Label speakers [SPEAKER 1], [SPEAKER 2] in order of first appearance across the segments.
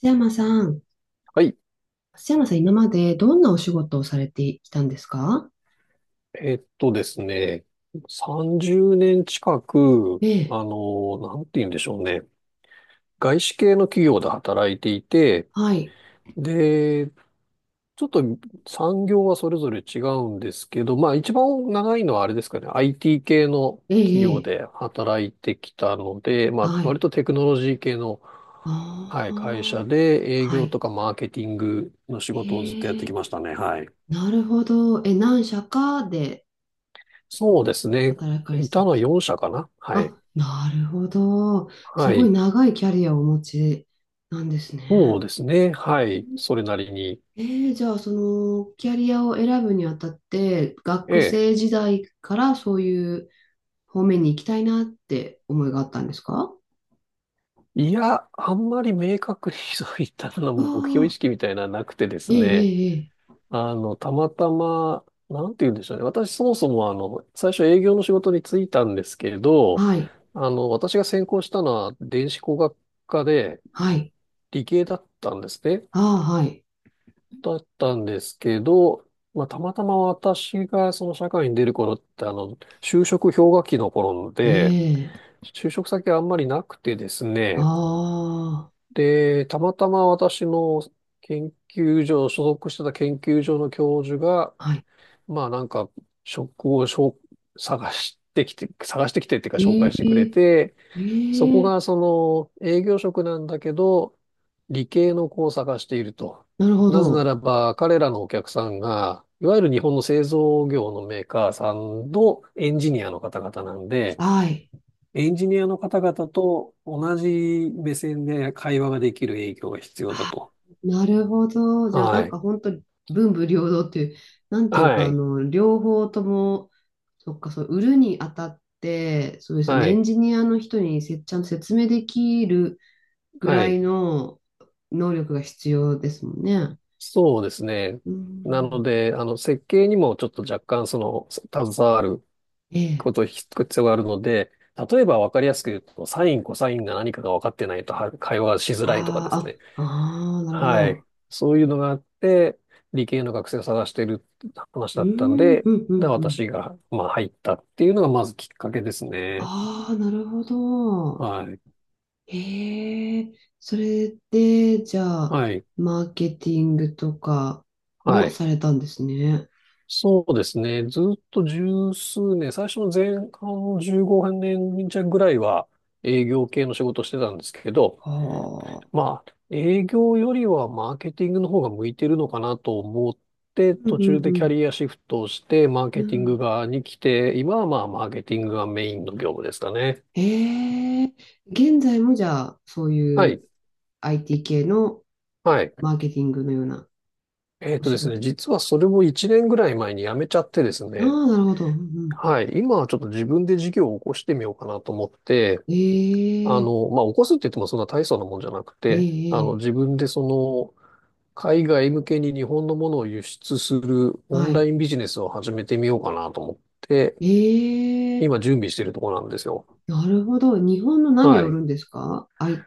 [SPEAKER 1] 瀬山さん、
[SPEAKER 2] はい。
[SPEAKER 1] 瀬山さん、今までどんなお仕事をされてきたんですか？
[SPEAKER 2] えっとですね、30年近く、
[SPEAKER 1] ええ、
[SPEAKER 2] なんて言うんでしょうね。外資系の企業で働いていて、
[SPEAKER 1] はい、
[SPEAKER 2] で、ちょっと産業はそれぞれ違うんですけど、まあ一番長いのはあれですかね、IT 系の
[SPEAKER 1] え
[SPEAKER 2] 企
[SPEAKER 1] え、
[SPEAKER 2] 業
[SPEAKER 1] ええ、
[SPEAKER 2] で働いてきたので、まあ
[SPEAKER 1] は
[SPEAKER 2] 割
[SPEAKER 1] い、
[SPEAKER 2] とテクノロジー系の、はい、会社
[SPEAKER 1] ああ、
[SPEAKER 2] で営
[SPEAKER 1] は
[SPEAKER 2] 業と
[SPEAKER 1] い、
[SPEAKER 2] かマーケティングの仕事をずっとやっ
[SPEAKER 1] え
[SPEAKER 2] て
[SPEAKER 1] え、
[SPEAKER 2] きましたね。はい。
[SPEAKER 1] なるほど。え、何社かで
[SPEAKER 2] そうですね。
[SPEAKER 1] 働かれ
[SPEAKER 2] い
[SPEAKER 1] て
[SPEAKER 2] た
[SPEAKER 1] たん
[SPEAKER 2] の
[SPEAKER 1] で
[SPEAKER 2] は
[SPEAKER 1] すか？
[SPEAKER 2] 4社かな。はい。
[SPEAKER 1] あ、なるほど。す
[SPEAKER 2] は
[SPEAKER 1] ごい
[SPEAKER 2] い。
[SPEAKER 1] 長いキャリアをお持ちなんです
[SPEAKER 2] そ
[SPEAKER 1] ね。
[SPEAKER 2] うですね。はい。それなりに。
[SPEAKER 1] ええ、じゃあ、その、キャリアを選ぶにあたって、
[SPEAKER 2] え
[SPEAKER 1] 学
[SPEAKER 2] え。
[SPEAKER 1] 生時代からそういう方面に行きたいなって思いがあったんですか？
[SPEAKER 2] いや、あんまり明確にそういったの
[SPEAKER 1] あ
[SPEAKER 2] 目標意
[SPEAKER 1] あ、
[SPEAKER 2] 識みたいなのはなくてです
[SPEAKER 1] ええ、
[SPEAKER 2] ね。
[SPEAKER 1] ええ、ええ、
[SPEAKER 2] たまたま、なんて言うんでしょうね。私そもそも最初営業の仕事に就いたんですけど、
[SPEAKER 1] はい、
[SPEAKER 2] 私が専攻したのは電子工学科で
[SPEAKER 1] はい、
[SPEAKER 2] 理系だったんですね。
[SPEAKER 1] ああ、はい、
[SPEAKER 2] だったんですけど、まあ、たまたま私がその社会に出る頃って就職氷河期の頃
[SPEAKER 1] え
[SPEAKER 2] で、
[SPEAKER 1] え、
[SPEAKER 2] 就職先あんまりなくてですね。
[SPEAKER 1] あ
[SPEAKER 2] で、たまたま私の研究所、所属してた研究所の教授が、
[SPEAKER 1] あ、はい、
[SPEAKER 2] まあなんか、職をしょ探してきて、探してきてっていうか紹
[SPEAKER 1] え
[SPEAKER 2] 介してくれ
[SPEAKER 1] え、
[SPEAKER 2] て、そこ
[SPEAKER 1] ええ、
[SPEAKER 2] がその営業職なんだけど、理系の子を探していると。
[SPEAKER 1] なるほ
[SPEAKER 2] なぜな
[SPEAKER 1] ど、
[SPEAKER 2] らば彼らのお客さんが、いわゆる日本の製造業のメーカーさんのエンジニアの方々なんで、
[SPEAKER 1] はい、
[SPEAKER 2] エンジニアの方々と同じ目線で会話ができる営業が必要だ
[SPEAKER 1] あ、
[SPEAKER 2] と。
[SPEAKER 1] なるほど、じゃあな
[SPEAKER 2] は
[SPEAKER 1] ん
[SPEAKER 2] い。
[SPEAKER 1] か本当に文武両道っていう、なんていう
[SPEAKER 2] は
[SPEAKER 1] か、あ
[SPEAKER 2] い。
[SPEAKER 1] の、両方とも、そっか、そう、売るにあたって、そうですよ
[SPEAKER 2] は
[SPEAKER 1] ね、エ
[SPEAKER 2] い。
[SPEAKER 1] ンジニアの人にちゃんと説明できるぐ
[SPEAKER 2] は
[SPEAKER 1] らい
[SPEAKER 2] い。
[SPEAKER 1] の能力が必要ですもんね。
[SPEAKER 2] そうですね。
[SPEAKER 1] う
[SPEAKER 2] なの
[SPEAKER 1] ん、
[SPEAKER 2] で、設計にもちょっと若干携わる
[SPEAKER 1] ええ。
[SPEAKER 2] こと必要があるので、例えば分かりやすく言うと、サイン、コサインが何かが分かってないとは会話がしづらいとか
[SPEAKER 1] あ
[SPEAKER 2] ですね。
[SPEAKER 1] あ、あ、ああ、なるほ
[SPEAKER 2] はい。
[SPEAKER 1] ど。
[SPEAKER 2] そういうのがあって、理系の学生を探している話
[SPEAKER 1] う
[SPEAKER 2] だ
[SPEAKER 1] ー
[SPEAKER 2] ったの
[SPEAKER 1] ん、
[SPEAKER 2] で、
[SPEAKER 1] うん、う
[SPEAKER 2] で、
[SPEAKER 1] ん、うん。
[SPEAKER 2] 私が、まあ、入ったっていうのがまずきっかけですね。
[SPEAKER 1] ああ、なるほど。
[SPEAKER 2] はい。
[SPEAKER 1] へえ、それで、じゃあ、
[SPEAKER 2] はい。
[SPEAKER 1] マーケティングとか
[SPEAKER 2] は
[SPEAKER 1] も
[SPEAKER 2] い。
[SPEAKER 1] されたんですね。
[SPEAKER 2] そうですね。ずっと十数年、最初の前半の15年弱ぐらいは営業系の仕事をしてたんですけど、
[SPEAKER 1] はあ。
[SPEAKER 2] まあ、営業よりはマーケティングの方が向いてるのかなと思って、
[SPEAKER 1] う
[SPEAKER 2] 途中
[SPEAKER 1] ん、う
[SPEAKER 2] でキャ
[SPEAKER 1] ん、
[SPEAKER 2] リアシフトをして、マー
[SPEAKER 1] うん。う
[SPEAKER 2] ケティング
[SPEAKER 1] ん、
[SPEAKER 2] 側に来て、今はまあ、マーケティングがメインの業務ですかね。
[SPEAKER 1] へえ、現在もじゃあ、そう
[SPEAKER 2] は
[SPEAKER 1] いう
[SPEAKER 2] い。
[SPEAKER 1] IT 系の
[SPEAKER 2] はい。
[SPEAKER 1] マーケティングのような
[SPEAKER 2] えっ
[SPEAKER 1] お
[SPEAKER 2] と
[SPEAKER 1] 仕
[SPEAKER 2] ですね、
[SPEAKER 1] 事。
[SPEAKER 2] 実はそれも1年ぐらい前に辞めちゃってです
[SPEAKER 1] あ
[SPEAKER 2] ね、
[SPEAKER 1] あ、なるほど。うんう
[SPEAKER 2] はい。今はちょっと自分で事業を起こしてみようかなと思って、
[SPEAKER 1] ん、ええ、
[SPEAKER 2] まあ、起こすって言ってもそんな大層なもんじゃなく
[SPEAKER 1] え
[SPEAKER 2] て、
[SPEAKER 1] え、え
[SPEAKER 2] 自
[SPEAKER 1] え、
[SPEAKER 2] 分で海外向けに日本のものを輸出するオ
[SPEAKER 1] は
[SPEAKER 2] ンライ
[SPEAKER 1] い。
[SPEAKER 2] ンビジネスを始めてみようかなと思って、
[SPEAKER 1] え、
[SPEAKER 2] 今準備しているところなんですよ。
[SPEAKER 1] なるほど。日本の何を
[SPEAKER 2] は
[SPEAKER 1] 売る
[SPEAKER 2] い。
[SPEAKER 1] んですか？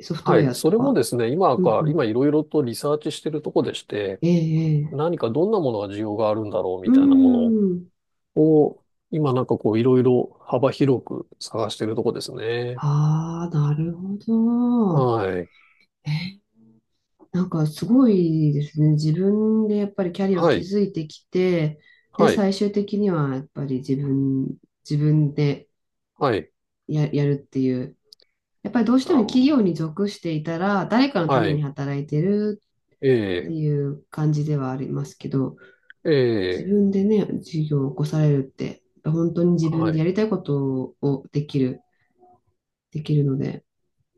[SPEAKER 1] ソフトウ
[SPEAKER 2] は
[SPEAKER 1] ェ
[SPEAKER 2] い。
[SPEAKER 1] ア
[SPEAKER 2] そ
[SPEAKER 1] と
[SPEAKER 2] れも
[SPEAKER 1] か。
[SPEAKER 2] ですね、
[SPEAKER 1] うんう
[SPEAKER 2] 今
[SPEAKER 1] ん。
[SPEAKER 2] いろいろとリサーチしているところでして、
[SPEAKER 1] ええ、ええ。
[SPEAKER 2] 何かどんなものが需要があるんだろう
[SPEAKER 1] う
[SPEAKER 2] みたいなも
[SPEAKER 1] ん。
[SPEAKER 2] のを、今なんかこういろいろ幅広く探しているところですね。
[SPEAKER 1] ああ、なるほど。
[SPEAKER 2] はい。
[SPEAKER 1] え、なんかすごいですね。自分でやっぱりキャリアを
[SPEAKER 2] はい、
[SPEAKER 1] 築いてきて、で、
[SPEAKER 2] はい、
[SPEAKER 1] 最終的にはやっぱり自分で
[SPEAKER 2] はい、
[SPEAKER 1] やるっていう。やっぱりどうしても企
[SPEAKER 2] あ、
[SPEAKER 1] 業に属していたら、誰かのた
[SPEAKER 2] は
[SPEAKER 1] めに
[SPEAKER 2] い、
[SPEAKER 1] 働いてるっ
[SPEAKER 2] え
[SPEAKER 1] ていう感じではありますけど、
[SPEAKER 2] え、え
[SPEAKER 1] 自
[SPEAKER 2] え、
[SPEAKER 1] 分でね、事業を起こされるって、やっぱ本当に自分
[SPEAKER 2] は
[SPEAKER 1] でや
[SPEAKER 2] い。
[SPEAKER 1] りたいことをできるので。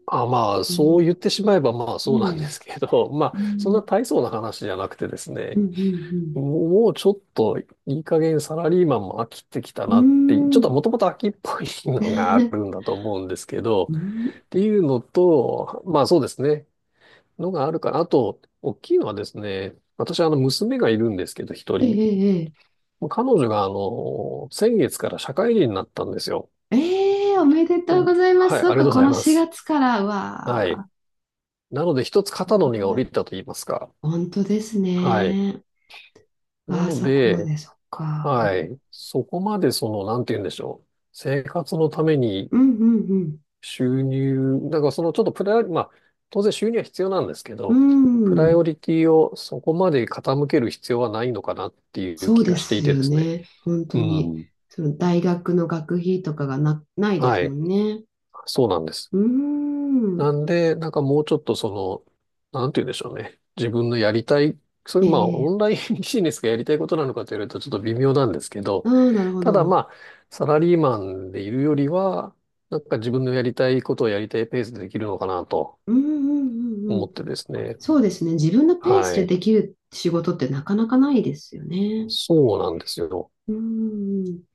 [SPEAKER 2] あ、まあ、
[SPEAKER 1] う
[SPEAKER 2] そう言っ
[SPEAKER 1] ん、
[SPEAKER 2] てしまえば、まあ、
[SPEAKER 1] う
[SPEAKER 2] そうなんで
[SPEAKER 1] ん、
[SPEAKER 2] すけど、まあ、
[SPEAKER 1] う
[SPEAKER 2] そんな
[SPEAKER 1] ん、
[SPEAKER 2] 大層な話じゃなくてです
[SPEAKER 1] う
[SPEAKER 2] ね、
[SPEAKER 1] ん、
[SPEAKER 2] もうちょっといい加減サラリーマンも飽きてきた
[SPEAKER 1] うん、
[SPEAKER 2] なっていう、
[SPEAKER 1] う
[SPEAKER 2] ち
[SPEAKER 1] ん、
[SPEAKER 2] ょっ
[SPEAKER 1] うー
[SPEAKER 2] と
[SPEAKER 1] ん、
[SPEAKER 2] もともと飽きっぽいのがあるん だと思うんですけど、
[SPEAKER 1] うん、
[SPEAKER 2] っていうのと、まあそうですね、のがあるから、あと、大きいのはですね、私、娘がいるんですけど、一
[SPEAKER 1] え
[SPEAKER 2] 人。
[SPEAKER 1] え、
[SPEAKER 2] 彼女が、先月から社会人になったんですよ。
[SPEAKER 1] ええ、ええ、おめで
[SPEAKER 2] う
[SPEAKER 1] とうご
[SPEAKER 2] ん、
[SPEAKER 1] ざいます。
[SPEAKER 2] はい、あり
[SPEAKER 1] そう
[SPEAKER 2] がとう
[SPEAKER 1] か、
[SPEAKER 2] ご
[SPEAKER 1] こ
[SPEAKER 2] ざい
[SPEAKER 1] の
[SPEAKER 2] ま
[SPEAKER 1] 4
[SPEAKER 2] す。
[SPEAKER 1] 月から、う
[SPEAKER 2] はい。
[SPEAKER 1] わ
[SPEAKER 2] なので、一つ肩の荷が下
[SPEAKER 1] あ、
[SPEAKER 2] りたと言いますか。
[SPEAKER 1] 本当です
[SPEAKER 2] はい。
[SPEAKER 1] ね。
[SPEAKER 2] な
[SPEAKER 1] ああ、
[SPEAKER 2] の
[SPEAKER 1] そこま
[SPEAKER 2] で、
[SPEAKER 1] で、そっか。
[SPEAKER 2] はい。そこまでなんて言うんでしょう。生活のために
[SPEAKER 1] うん、うん、
[SPEAKER 2] 収入、だからそのちょっとプライオリ、まあ、当然収入は必要なんですけ
[SPEAKER 1] う
[SPEAKER 2] ど、
[SPEAKER 1] ん、
[SPEAKER 2] プラ
[SPEAKER 1] う
[SPEAKER 2] イオ
[SPEAKER 1] ん。
[SPEAKER 2] リティをそこまで傾ける必要はないのかなっていう
[SPEAKER 1] そう
[SPEAKER 2] 気
[SPEAKER 1] で
[SPEAKER 2] がしてい
[SPEAKER 1] す
[SPEAKER 2] て
[SPEAKER 1] よ
[SPEAKER 2] ですね。
[SPEAKER 1] ね。本
[SPEAKER 2] う
[SPEAKER 1] 当に。
[SPEAKER 2] ん。
[SPEAKER 1] その大学の学費とかがないで
[SPEAKER 2] は
[SPEAKER 1] すも
[SPEAKER 2] い。
[SPEAKER 1] んね。
[SPEAKER 2] そうなんです。
[SPEAKER 1] うーん。
[SPEAKER 2] なんで、なんかもうちょっとなんて言うんでしょうね。自分のやりたい、それまあオ
[SPEAKER 1] え
[SPEAKER 2] ン
[SPEAKER 1] え、
[SPEAKER 2] ラインビジネスがやりたいことなのかと言われるとちょっと微妙なんですけど、
[SPEAKER 1] ああー、なるほ
[SPEAKER 2] ただま
[SPEAKER 1] ど。
[SPEAKER 2] あ、サラリーマンでいるよりは、なんか自分のやりたいことをやりたいペースでできるのかなと
[SPEAKER 1] うんうんうんう
[SPEAKER 2] 思
[SPEAKER 1] ん。
[SPEAKER 2] ってですね。
[SPEAKER 1] そうですね。自分のペース
[SPEAKER 2] は
[SPEAKER 1] で
[SPEAKER 2] い。
[SPEAKER 1] できる仕事ってなかなかないですよね。
[SPEAKER 2] そうなんですよ。
[SPEAKER 1] うーん。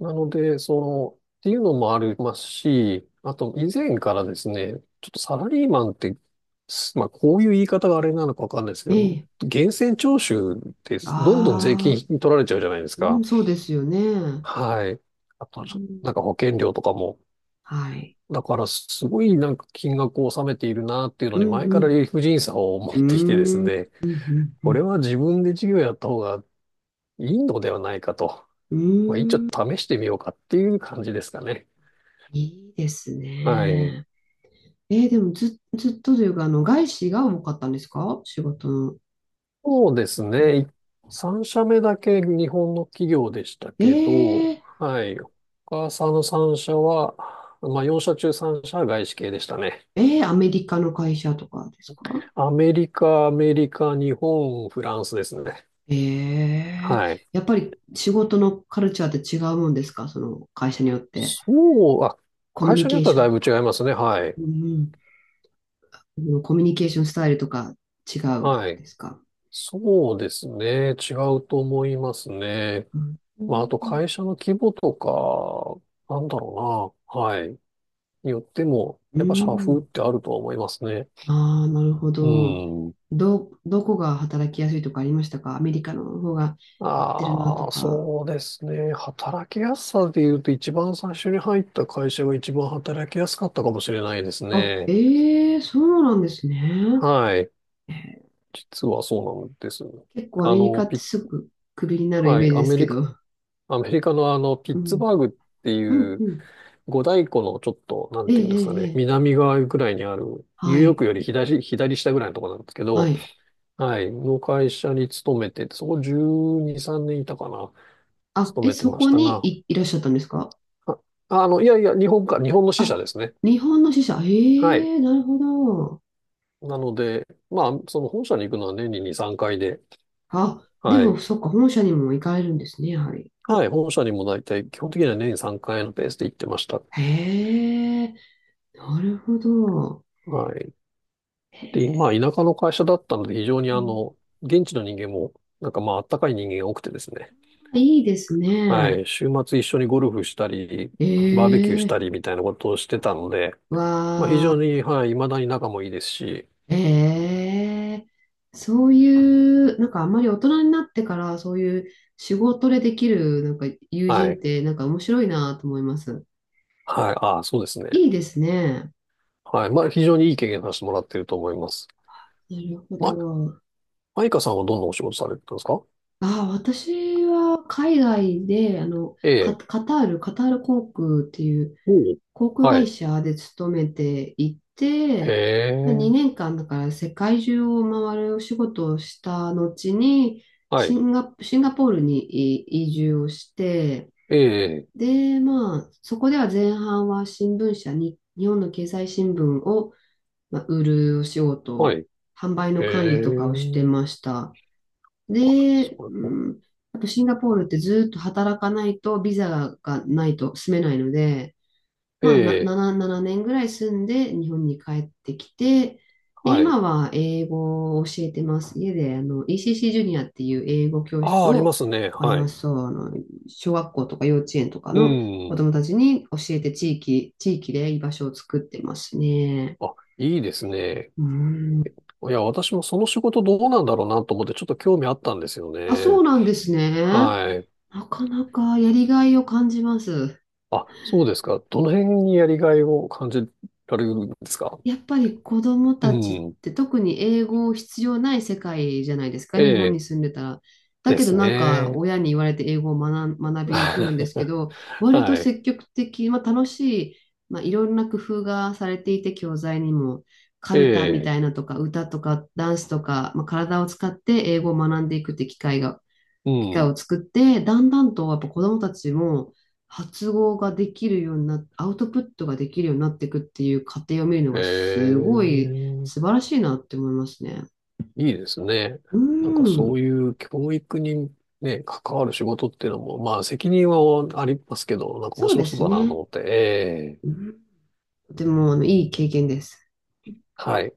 [SPEAKER 2] なので、その、っていうのもありますし、あと以前からですね、ちょっとサラリーマンって、まあこういう言い方があれなのかわかんないですけど、
[SPEAKER 1] ええ、
[SPEAKER 2] 源泉徴収ってどんどん税金
[SPEAKER 1] ああ
[SPEAKER 2] 取られちゃうじゃないです
[SPEAKER 1] ー、う
[SPEAKER 2] か。
[SPEAKER 1] ん、そうですよね。
[SPEAKER 2] はい。あと、
[SPEAKER 1] うん、
[SPEAKER 2] なんか保険料とかも。
[SPEAKER 1] はい。
[SPEAKER 2] だからすごいなんか金額を納めているなっていうの
[SPEAKER 1] う
[SPEAKER 2] に前から
[SPEAKER 1] ん
[SPEAKER 2] 理不尽さを持っ
[SPEAKER 1] う
[SPEAKER 2] てきてです
[SPEAKER 1] ん。うーん。
[SPEAKER 2] ね、
[SPEAKER 1] うんう
[SPEAKER 2] こ
[SPEAKER 1] ん
[SPEAKER 2] れは自分で事業やった方がいいのではないかと、
[SPEAKER 1] うん。う
[SPEAKER 2] まあ一応
[SPEAKER 1] ーん。
[SPEAKER 2] 試してみようかっていう感じですかね。
[SPEAKER 1] いいです
[SPEAKER 2] はい。
[SPEAKER 1] ね。でもずっとというか、あの、外資が多かったんですか？仕事の。
[SPEAKER 2] そうですね。3社目だけ日本の企業でした
[SPEAKER 1] え
[SPEAKER 2] けど、
[SPEAKER 1] ー、
[SPEAKER 2] はい。他さんの3社は、まあ4社中3社は外資系でしたね。
[SPEAKER 1] アメリカの会社とかですか？
[SPEAKER 2] アメリカ、アメリカ、日本、フランスですね。
[SPEAKER 1] えー、
[SPEAKER 2] はい。
[SPEAKER 1] やっぱり仕事のカルチャーって違うもんですか？その会社によって。
[SPEAKER 2] そう、あ、
[SPEAKER 1] コミュ
[SPEAKER 2] 会
[SPEAKER 1] ニ
[SPEAKER 2] 社に
[SPEAKER 1] ケ
[SPEAKER 2] よっ
[SPEAKER 1] ー
[SPEAKER 2] ては
[SPEAKER 1] ショ
[SPEAKER 2] だ
[SPEAKER 1] ン
[SPEAKER 2] い
[SPEAKER 1] と
[SPEAKER 2] ぶ違
[SPEAKER 1] か。
[SPEAKER 2] いますね。はい。
[SPEAKER 1] うんうん、コミュニケーションスタイルとか違う
[SPEAKER 2] はい。
[SPEAKER 1] ですか？
[SPEAKER 2] そうですね。違うと思いますね。
[SPEAKER 1] うんう
[SPEAKER 2] まあ、あと
[SPEAKER 1] ん、
[SPEAKER 2] 会社の規模とか、なんだろうな。はい。によっても、やっぱ社風ってあるとは思いますね。
[SPEAKER 1] ああー、なるほ
[SPEAKER 2] う
[SPEAKER 1] ど。
[SPEAKER 2] ん。
[SPEAKER 1] どこが働きやすいとかありましたか？アメリカの方が合ってるなと
[SPEAKER 2] ああ、
[SPEAKER 1] か。
[SPEAKER 2] そうですね。働きやすさで言うと、一番最初に入った会社が一番働きやすかったかもしれないです
[SPEAKER 1] あ、
[SPEAKER 2] ね。
[SPEAKER 1] ええ、そうなんですね。
[SPEAKER 2] はい。
[SPEAKER 1] えー
[SPEAKER 2] 実はそうなんです。
[SPEAKER 1] 結構ア
[SPEAKER 2] あ
[SPEAKER 1] メリカ
[SPEAKER 2] の、
[SPEAKER 1] って
[SPEAKER 2] ピ、
[SPEAKER 1] すぐクビになるイ
[SPEAKER 2] は
[SPEAKER 1] メ
[SPEAKER 2] い。
[SPEAKER 1] ージですけど。
[SPEAKER 2] アメリカのピッ
[SPEAKER 1] う
[SPEAKER 2] ツ
[SPEAKER 1] ん。
[SPEAKER 2] バーグって
[SPEAKER 1] う
[SPEAKER 2] い
[SPEAKER 1] ん、
[SPEAKER 2] う
[SPEAKER 1] うん。
[SPEAKER 2] 五大湖のちょっと、なん
[SPEAKER 1] ええ
[SPEAKER 2] ていうんで
[SPEAKER 1] え
[SPEAKER 2] すか
[SPEAKER 1] え
[SPEAKER 2] ね、
[SPEAKER 1] ええ、
[SPEAKER 2] 南側ぐらいにある、ニュー
[SPEAKER 1] は
[SPEAKER 2] ヨー
[SPEAKER 1] い、
[SPEAKER 2] クより左、左下ぐらいのところなんですけ
[SPEAKER 1] は
[SPEAKER 2] ど、
[SPEAKER 1] い。
[SPEAKER 2] はい。の会社に勤めてて、そこ12、3年いたかな。
[SPEAKER 1] あ、
[SPEAKER 2] 勤
[SPEAKER 1] え、
[SPEAKER 2] めて
[SPEAKER 1] そ
[SPEAKER 2] まし
[SPEAKER 1] こ
[SPEAKER 2] た
[SPEAKER 1] に
[SPEAKER 2] が、
[SPEAKER 1] いらっしゃったんですか？
[SPEAKER 2] あ、いやいや、日本か、日本の支社
[SPEAKER 1] あ、
[SPEAKER 2] ですね。
[SPEAKER 1] 日本の支社。
[SPEAKER 2] はい。
[SPEAKER 1] ええ、なるほど。
[SPEAKER 2] なので、まあ、その本社に行くのは年に2、3回で、
[SPEAKER 1] あ、で
[SPEAKER 2] は
[SPEAKER 1] も、
[SPEAKER 2] い。
[SPEAKER 1] そっか、本社にも行かれるんですね、やはり。
[SPEAKER 2] はい。本社にも大体、基本的には年に3回のペースで行ってました。
[SPEAKER 1] へえ、なるほど。
[SPEAKER 2] はい。
[SPEAKER 1] へ
[SPEAKER 2] で、まあ、
[SPEAKER 1] え、
[SPEAKER 2] 田舎の会社だったので、非常に
[SPEAKER 1] うん、
[SPEAKER 2] 現地の人間も、なんかまあ、あったかい人間が多くてですね。
[SPEAKER 1] いいです
[SPEAKER 2] は
[SPEAKER 1] ね。
[SPEAKER 2] い。週末一緒にゴルフしたり、
[SPEAKER 1] え
[SPEAKER 2] バーベキューした
[SPEAKER 1] え、
[SPEAKER 2] りみたいなことをしてたので、まあ、非
[SPEAKER 1] わあ。
[SPEAKER 2] 常に、はい、未だに仲もいいですし、
[SPEAKER 1] ええ、そういう、なんかあんまり大人になってからそういう仕事でできるなんか友
[SPEAKER 2] は
[SPEAKER 1] 人っ
[SPEAKER 2] い。
[SPEAKER 1] てなんか面白いなと思います。
[SPEAKER 2] はい。ああ、そうですね。
[SPEAKER 1] いいですね。
[SPEAKER 2] はい。まあ、非常にいい経験させてもらっていると思います。
[SPEAKER 1] なるほ
[SPEAKER 2] ま、
[SPEAKER 1] ど。
[SPEAKER 2] マイカさんはどんなお仕事されてたんですか？
[SPEAKER 1] ああ、私は海外で、あの、
[SPEAKER 2] え
[SPEAKER 1] カ、
[SPEAKER 2] え。
[SPEAKER 1] カタール、カタール航空っていう
[SPEAKER 2] おう
[SPEAKER 1] 航空
[SPEAKER 2] は
[SPEAKER 1] 会
[SPEAKER 2] い。
[SPEAKER 1] 社で勤めてい
[SPEAKER 2] へ
[SPEAKER 1] て、まあ、
[SPEAKER 2] え。
[SPEAKER 1] 2年間だから世界中を回るお仕事をした後に、
[SPEAKER 2] はい。
[SPEAKER 1] シンガポールに移住をして、
[SPEAKER 2] ええ。
[SPEAKER 1] で、まあ、そこでは前半は新聞社に、日本の経済新聞を、まあ、売るお仕
[SPEAKER 2] はい。
[SPEAKER 1] 事、
[SPEAKER 2] へ
[SPEAKER 1] 販売の管理とかをして
[SPEAKER 2] え。
[SPEAKER 1] ました。
[SPEAKER 2] あ、
[SPEAKER 1] で、
[SPEAKER 2] それも。
[SPEAKER 1] うん、あとシンガポールってずっと働かないとビザがないと住めないので、
[SPEAKER 2] え
[SPEAKER 1] まあ、な
[SPEAKER 2] え。
[SPEAKER 1] 7、7年ぐらい住んで日本に帰ってきて、で、
[SPEAKER 2] はい。
[SPEAKER 1] 今は英語を教えてます。家であの ECC ジュニアっていう英語教
[SPEAKER 2] あ
[SPEAKER 1] 室
[SPEAKER 2] あ、あり
[SPEAKER 1] を、
[SPEAKER 2] ますね。
[SPEAKER 1] あり
[SPEAKER 2] は
[SPEAKER 1] ま
[SPEAKER 2] い。
[SPEAKER 1] すそう、あの、小学校とか幼稚園とか
[SPEAKER 2] う
[SPEAKER 1] の子
[SPEAKER 2] ん。
[SPEAKER 1] 供たちに教えて地域で居場所を作ってますね。
[SPEAKER 2] あ、いいですね。
[SPEAKER 1] うん。
[SPEAKER 2] いや、私もその仕事どうなんだろうなと思ってちょっと興味あったんですよ
[SPEAKER 1] あ、そ
[SPEAKER 2] ね。
[SPEAKER 1] うなんですね。
[SPEAKER 2] はい。
[SPEAKER 1] なかなかやりがいを感じます。
[SPEAKER 2] あ、そうですか。どの辺にやりがいを感じられるんですか？
[SPEAKER 1] やっぱり子供
[SPEAKER 2] う
[SPEAKER 1] たちっ
[SPEAKER 2] ん。
[SPEAKER 1] て特に英語必要ない世界じゃないですか、
[SPEAKER 2] え
[SPEAKER 1] 日本に
[SPEAKER 2] え。
[SPEAKER 1] 住んでたら。だ
[SPEAKER 2] で
[SPEAKER 1] けど
[SPEAKER 2] す
[SPEAKER 1] なんか
[SPEAKER 2] ね。
[SPEAKER 1] 親に言われて英語を学び に来るんですけど、割と
[SPEAKER 2] はい。
[SPEAKER 1] 積極的、まあ、楽しい、まあ、いろんな工夫がされていて、教材にも、カ
[SPEAKER 2] え
[SPEAKER 1] ルタみた
[SPEAKER 2] え。
[SPEAKER 1] いなとか、歌とか、ダンスとか、まあ、体を使って英語を学んでいくって
[SPEAKER 2] う
[SPEAKER 1] 機会
[SPEAKER 2] ん。
[SPEAKER 1] を作って、だんだんとやっぱ子どもたちも発語ができるようにアウトプットができるようになっていくっていう過程を見るのが
[SPEAKER 2] え
[SPEAKER 1] すごい
[SPEAKER 2] え、
[SPEAKER 1] 素晴らしいなって思いますね。
[SPEAKER 2] いいですね。
[SPEAKER 1] う
[SPEAKER 2] なんかそ
[SPEAKER 1] ん、
[SPEAKER 2] ういう教育にね、関わる仕事っていうのも、まあ責任はありますけど、なんか面
[SPEAKER 1] そう
[SPEAKER 2] 白
[SPEAKER 1] で
[SPEAKER 2] そう
[SPEAKER 1] す
[SPEAKER 2] だなと
[SPEAKER 1] ね。
[SPEAKER 2] 思って、え
[SPEAKER 1] う
[SPEAKER 2] え、
[SPEAKER 1] ん、とてもあのいい経験です。
[SPEAKER 2] はい。